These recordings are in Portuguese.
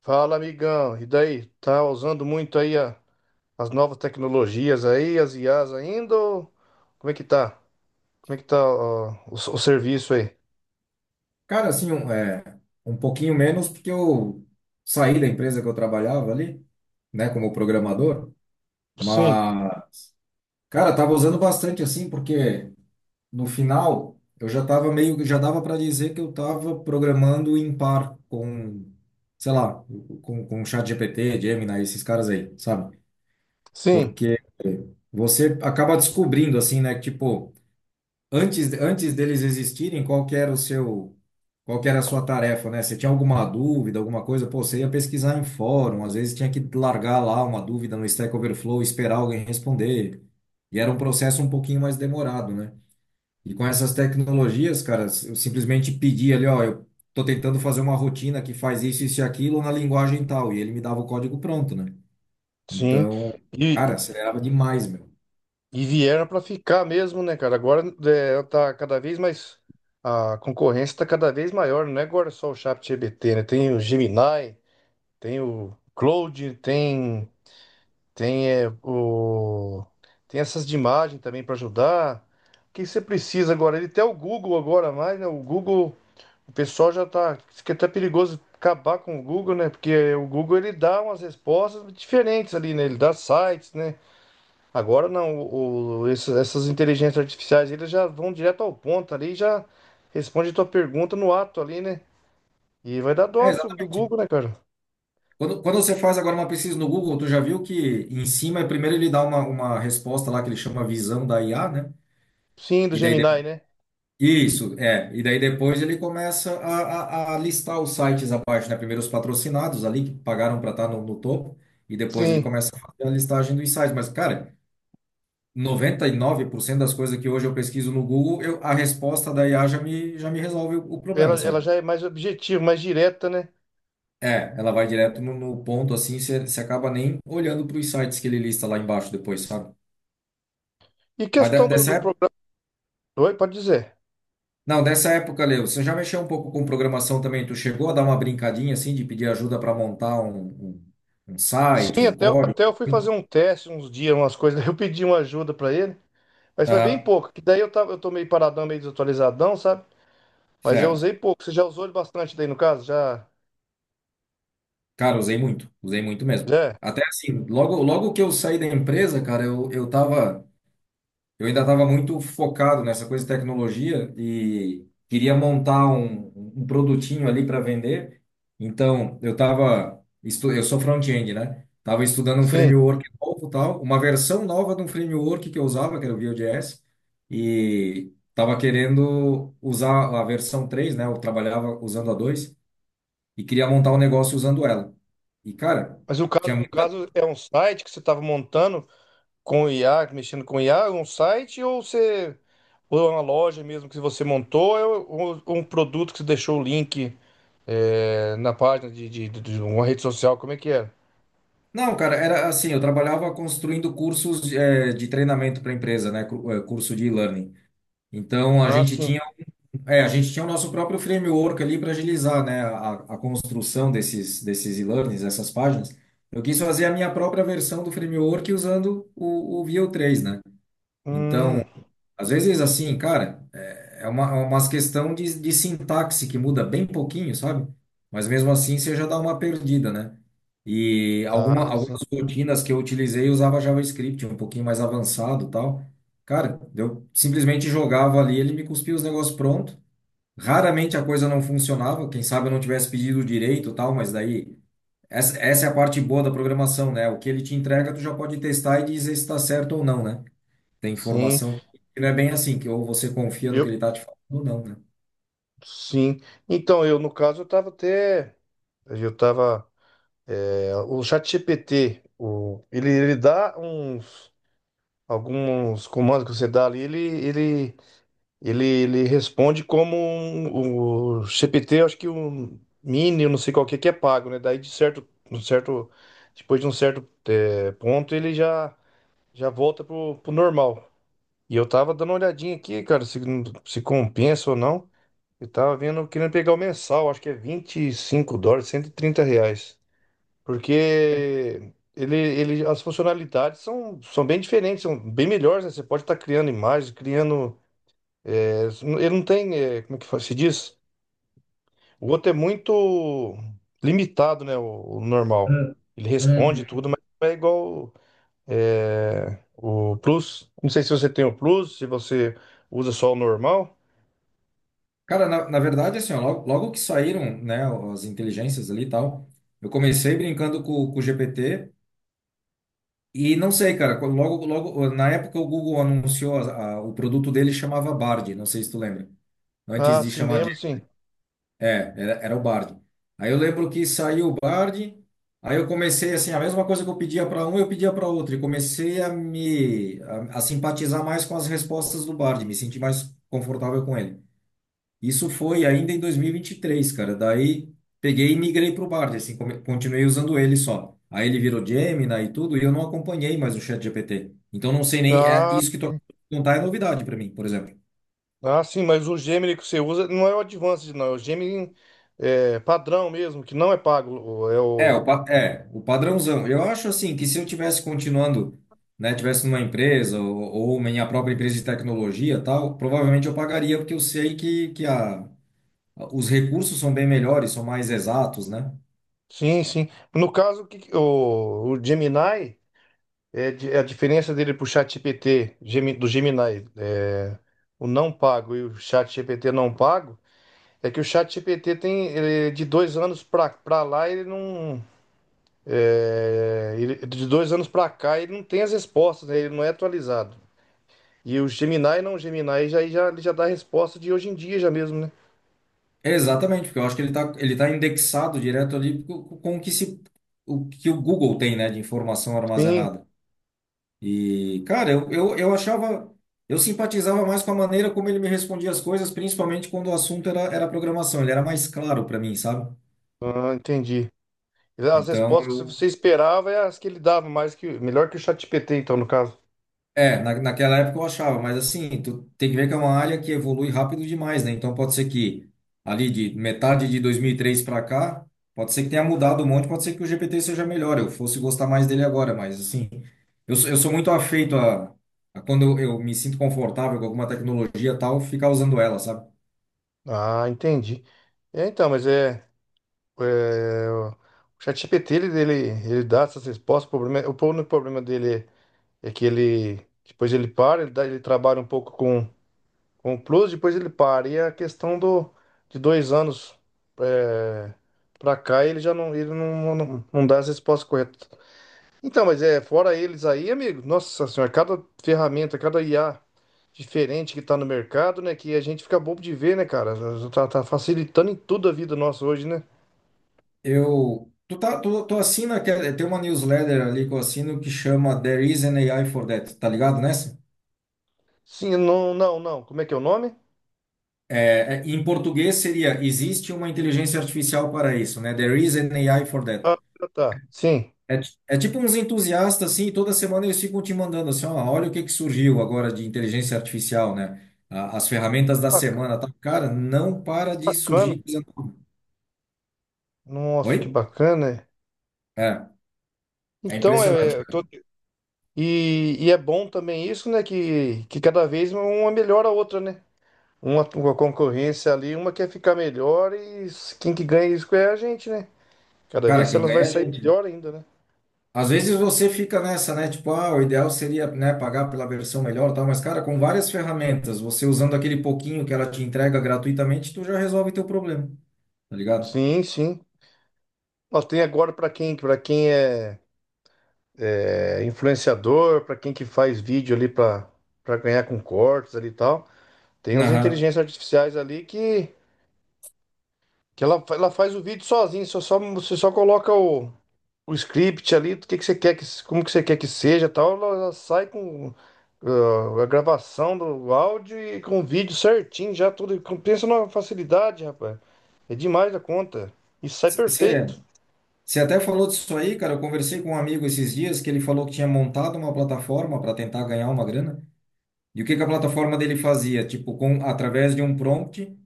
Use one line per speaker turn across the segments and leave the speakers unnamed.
Fala, amigão. E daí? Tá usando muito aí as novas tecnologias aí, as I as ainda? Ou como é que tá? Como é que tá ó, o serviço aí?
Cara, assim, um pouquinho menos, porque eu saí da empresa que eu trabalhava ali, né, como programador,
Sim,
mas, cara, tava usando bastante, assim, porque no final eu já tava meio, já dava para dizer que eu tava programando em par com, sei lá, com GPT, Gemini, esses caras aí, sabe?
sim,
Porque você acaba descobrindo, assim, né, que, tipo, antes deles existirem, qual que era a sua tarefa, né? Você tinha alguma dúvida, alguma coisa, pô, você ia pesquisar em fórum, às vezes tinha que largar lá uma dúvida no Stack Overflow, esperar alguém responder. E era um processo um pouquinho mais demorado, né? E com essas tecnologias, cara, eu simplesmente pedi ali, ó, eu tô tentando fazer uma rotina que faz isso, isso e aquilo na linguagem tal, e ele me dava o código pronto, né?
sim.
Então, cara,
E,
acelerava demais, meu.
vieram para ficar mesmo, né, cara? Agora tá cada vez mais. A concorrência tá cada vez maior. Não é agora só o ChatGPT, né? Tem o Gemini, tem o Claude, tem. Tem, é, o... Tem essas de imagem também para ajudar. O que você precisa agora? Ele tem o Google agora mais, né? O Google, o pessoal já tá. Isso que é até perigoso acabar com o Google, né? Porque o Google ele dá umas respostas diferentes ali, né? Ele dá sites, né? Agora não, essas inteligências artificiais eles já vão direto ao ponto ali e já responde a tua pergunta no ato ali, né? E vai dar
É,
dó se o do
exatamente.
Google, né, cara?
Quando você faz agora uma pesquisa no Google, tu já viu que em cima, primeiro ele dá uma resposta lá que ele chama visão da IA, né?
Sim, do
E daí,
Gemini, né?
isso, é. E daí depois ele começa a listar os sites abaixo, né? Primeiro os patrocinados ali, que pagaram para estar no topo, e depois ele
Sim.
começa a fazer a listagem dos sites. Mas, cara, 99% das coisas que hoje eu pesquiso no Google, a resposta da IA já me resolve o problema,
Ela, ela
sabe?
já é mais objetiva, mais direta, né?
É, ela vai direto no ponto assim, você acaba nem olhando para os sites que ele lista lá embaixo depois, sabe?
E
Mas
questão do,
dessa
do
época,
programa. Oi, pode dizer.
não, dessa época, Leo, você já mexeu um pouco com programação também? Tu chegou a dar uma brincadinha assim de pedir ajuda para montar um site,
Sim,
um
até
código?
eu fui fazer um teste uns dias, umas coisas. Eu pedi uma ajuda pra ele, mas foi bem
Aham,
pouco. Que daí eu tô meio paradão, meio desatualizadão, sabe? Mas eu
certo.
usei pouco. Você já usou ele bastante daí no caso? Já?
Cara, usei muito mesmo.
Já?
Até assim, logo, logo que eu saí da empresa, cara, eu tava. Eu ainda estava muito focado nessa coisa de tecnologia e queria montar um produtinho ali para vender. Então, eu estava, eu sou front-end, né? Estava estudando um
Sim.
framework novo, tal, uma versão nova de um framework que eu usava, que era o Vue.js, e estava querendo usar a versão 3, né? Eu trabalhava usando a 2 e queria montar um negócio usando ela. E, cara,
Mas o caso,
tinha
no
muita
caso, é um site que você tava montando com o IA, mexendo com o IA, um site ou você. Ou é uma loja mesmo que você montou, ou um produto que você deixou o link na página de uma rede social, como é que é.
não, cara, era assim, eu trabalhava construindo cursos de treinamento para empresa, né, curso de e-learning. Então a
Ah,
gente
sim.
tinha, um, é, a gente tinha o nosso próprio framework ali para agilizar, né, a construção desses e-learnings, essas páginas. Eu quis fazer a minha própria versão do framework usando o Vue 3, né?
Hum,
Então às vezes, assim, cara, é é uma, é umas questão de sintaxe que muda bem pouquinho, sabe? Mas mesmo assim você já dá uma perdida, né? E alguma,
tá, sim.
algumas rotinas que eu utilizei eu usava JavaScript, um pouquinho mais avançado e tal. Cara, eu simplesmente jogava ali, ele me cuspia os negócios pronto. Raramente a coisa não funcionava, quem sabe eu não tivesse pedido direito e tal, mas daí essa é a parte boa da programação, né? O que ele te entrega, tu já pode testar e dizer se está certo ou não, né? Tem
Sim,
informação que não é bem assim, que ou você confia no que
eu,
ele está te falando ou não, né?
sim. Então, eu, no caso, eu tava até, eu tava, o ChatGPT, ele dá alguns comandos que você dá ali, ele responde como o GPT, eu acho que o Mini, eu não sei qual que é pago, né? Daí, de certo, um certo, depois de um certo, ponto, ele já volta pro normal. E eu tava dando uma olhadinha aqui, cara, se compensa ou não. Eu tava vendo, querendo pegar o mensal, acho que é US$ 25, R$ 130. Porque as funcionalidades são bem diferentes, são bem melhores, né? Você pode estar criando imagens, criando. é, ele não tem. Como é que se diz? O outro é muito limitado, né? O normal.
Hum,
Ele responde
hum.
tudo, mas não é igual o Plus. Não sei se você tem o Plus, se você usa só o normal.
Cara, na verdade, assim, ó, logo, logo que saíram, né, as inteligências ali e tal, eu comecei brincando com, o GPT e não sei, cara, logo, logo, na época o Google anunciou o produto dele chamava Bard, não sei se tu lembra. Antes
Ah,
de
sim,
chamar de
lembro, sim.
É, era o Bard. Aí eu lembro que saiu o Bard, aí eu comecei assim, a mesma coisa que eu pedia para um, eu pedia para outro, e comecei a simpatizar mais com as respostas do Bard, me senti mais confortável com ele. Isso foi ainda em 2023, cara. Daí peguei e migrei pro Bard, assim, continuei usando ele só. Aí ele virou Gemini e tudo, e eu não acompanhei mais o ChatGPT. Então não sei nem,
Ah.
isso que tu acabou de contar é novidade para mim, por exemplo.
Ah, sim, mas o Gemini que você usa não é o Advanced, não. É o Gemini, padrão mesmo, que não é pago. É
É,
o.
o padrãozão. Eu acho assim que se eu tivesse continuando, né, tivesse numa empresa ou, minha própria empresa de tecnologia, e tal, provavelmente eu pagaria porque eu sei que os recursos são bem melhores, são mais exatos, né?
Sim, sim. No caso, o, que que- o Gemini, é a diferença dele pro ChatGPT, do Gemini, é, o não pago e o ChatGPT não pago, é que o ChatGPT tem ele, é de 2 anos pra lá, ele não. De 2 anos pra cá, ele não tem as respostas, né? Ele não é atualizado. E o Gemini não, Gemini já, ele já dá a resposta de hoje em dia já mesmo, né?
Exatamente, porque eu acho que ele tá indexado direto ali com, o que se, o que o Google tem, né, de informação
Sim,
armazenada. E, cara, eu achava, eu simpatizava mais com a maneira como ele me respondia as coisas, principalmente quando o assunto era programação. Ele era mais claro para mim, sabe?
ah, entendi. As
Então,
respostas que
eu,
você esperava é as que ele dava, mais que melhor que o ChatGPT, então, no caso.
é, na, naquela época eu achava, mas assim, tu tem que ver que é uma área que evolui rápido demais, né? Então, pode ser que ali de metade de 2003 para cá, pode ser que tenha mudado um monte, pode ser que o GPT seja melhor, eu fosse gostar mais dele agora, mas assim, eu sou muito afeito a quando eu me sinto confortável com alguma tecnologia e tal, ficar usando ela, sabe?
Ah, entendi. É, então, mas o ChatGPT, ele dá essas respostas, o único problema dele é que depois ele para, ele trabalha um pouco com. Com o Plus, depois ele para. E é a questão de 2 anos, é, pra cá, ele já não, ele não, não, não dá as respostas corretas. Então, mas é, fora eles aí, amigo, nossa senhora, cada ferramenta, cada IA diferente que tá no mercado, né, que a gente fica bobo de ver, né, cara? Tá, tá facilitando em tudo a vida nossa hoje, né?
Eu, tu tá, tu, tu assina, tem uma newsletter ali que eu assino que chama There is an AI for that, tá ligado nessa?
Sim, não, não, não. Como é que é o nome?
É, é, em português seria, existe uma inteligência artificial para isso, né? There is an AI for that.
Ah, tá. Sim.
É tipo uns entusiastas, assim, e toda semana eles ficam te mandando assim, ó, olha o que que surgiu agora de inteligência artificial, né? As ferramentas da
Bac-
semana, tá? Cara, não para de
Bacana.
surgir coisa nova.
Nossa,
Oi?
que bacana, né?
É, é
Então,
impressionante,
eu
cara.
tô. E é bom também isso, né? Que cada vez uma melhora a outra, né? Uma concorrência ali, uma quer ficar melhor e quem que ganha isso é a gente, né? Cada
Cara,
vez
quem
elas
ganha
vai
é a
sair
gente.
melhor ainda, né?
Às vezes você fica nessa, né? Tipo, ah, o ideal seria, né, pagar pela versão melhor, e tal, mas, cara, com várias ferramentas, você usando aquele pouquinho que ela te entrega gratuitamente, tu já resolve teu problema. Tá ligado?
Sim, sim. Nós tem agora para quem, para quem é influenciador, para quem que faz vídeo ali para para ganhar com cortes ali e tal. Tem as
Aham.
inteligências artificiais ali que ela faz o vídeo sozinha, você só coloca o script ali, do que você quer que, como que você quer que seja, tal, ela sai com ah, a gravação do áudio e com o vídeo certinho, já tudo. Pensa numa facilidade, rapaz. É demais da conta. E sai perfeito.
Você você até falou disso aí, cara. Eu conversei com um amigo esses dias que ele falou que tinha montado uma plataforma para tentar ganhar uma grana. E o que que a plataforma dele fazia? Tipo, através de um prompt,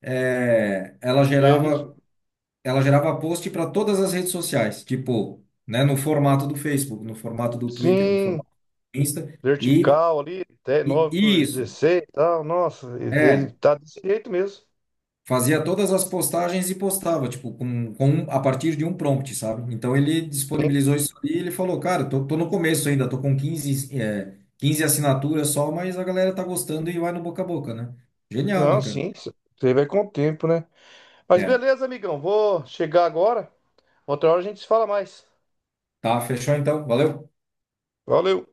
é, ela
É isso.
gerava, ela gerava post para todas as redes sociais, tipo, né, no formato do Facebook, no formato do Twitter, no
Sim,
formato do Insta. E,
vertical ali, até
e
nove
e
por
isso.
dezesseis e tal. Nossa, ele
É,
tá desse jeito mesmo.
fazia todas as postagens e postava, tipo, a partir de um prompt, sabe? Então ele
Sim.
disponibilizou isso ali e ele falou, cara, tô no começo ainda, tô com 15 assinaturas só, mas a galera tá gostando e vai no boca a boca, né? Genial,
Não,
né, cara?
sim, isso aí vai com o tempo, né? Mas
É.
beleza, amigão, vou chegar agora. Outra hora a gente se fala mais.
Tá, fechou então. Valeu.
Valeu.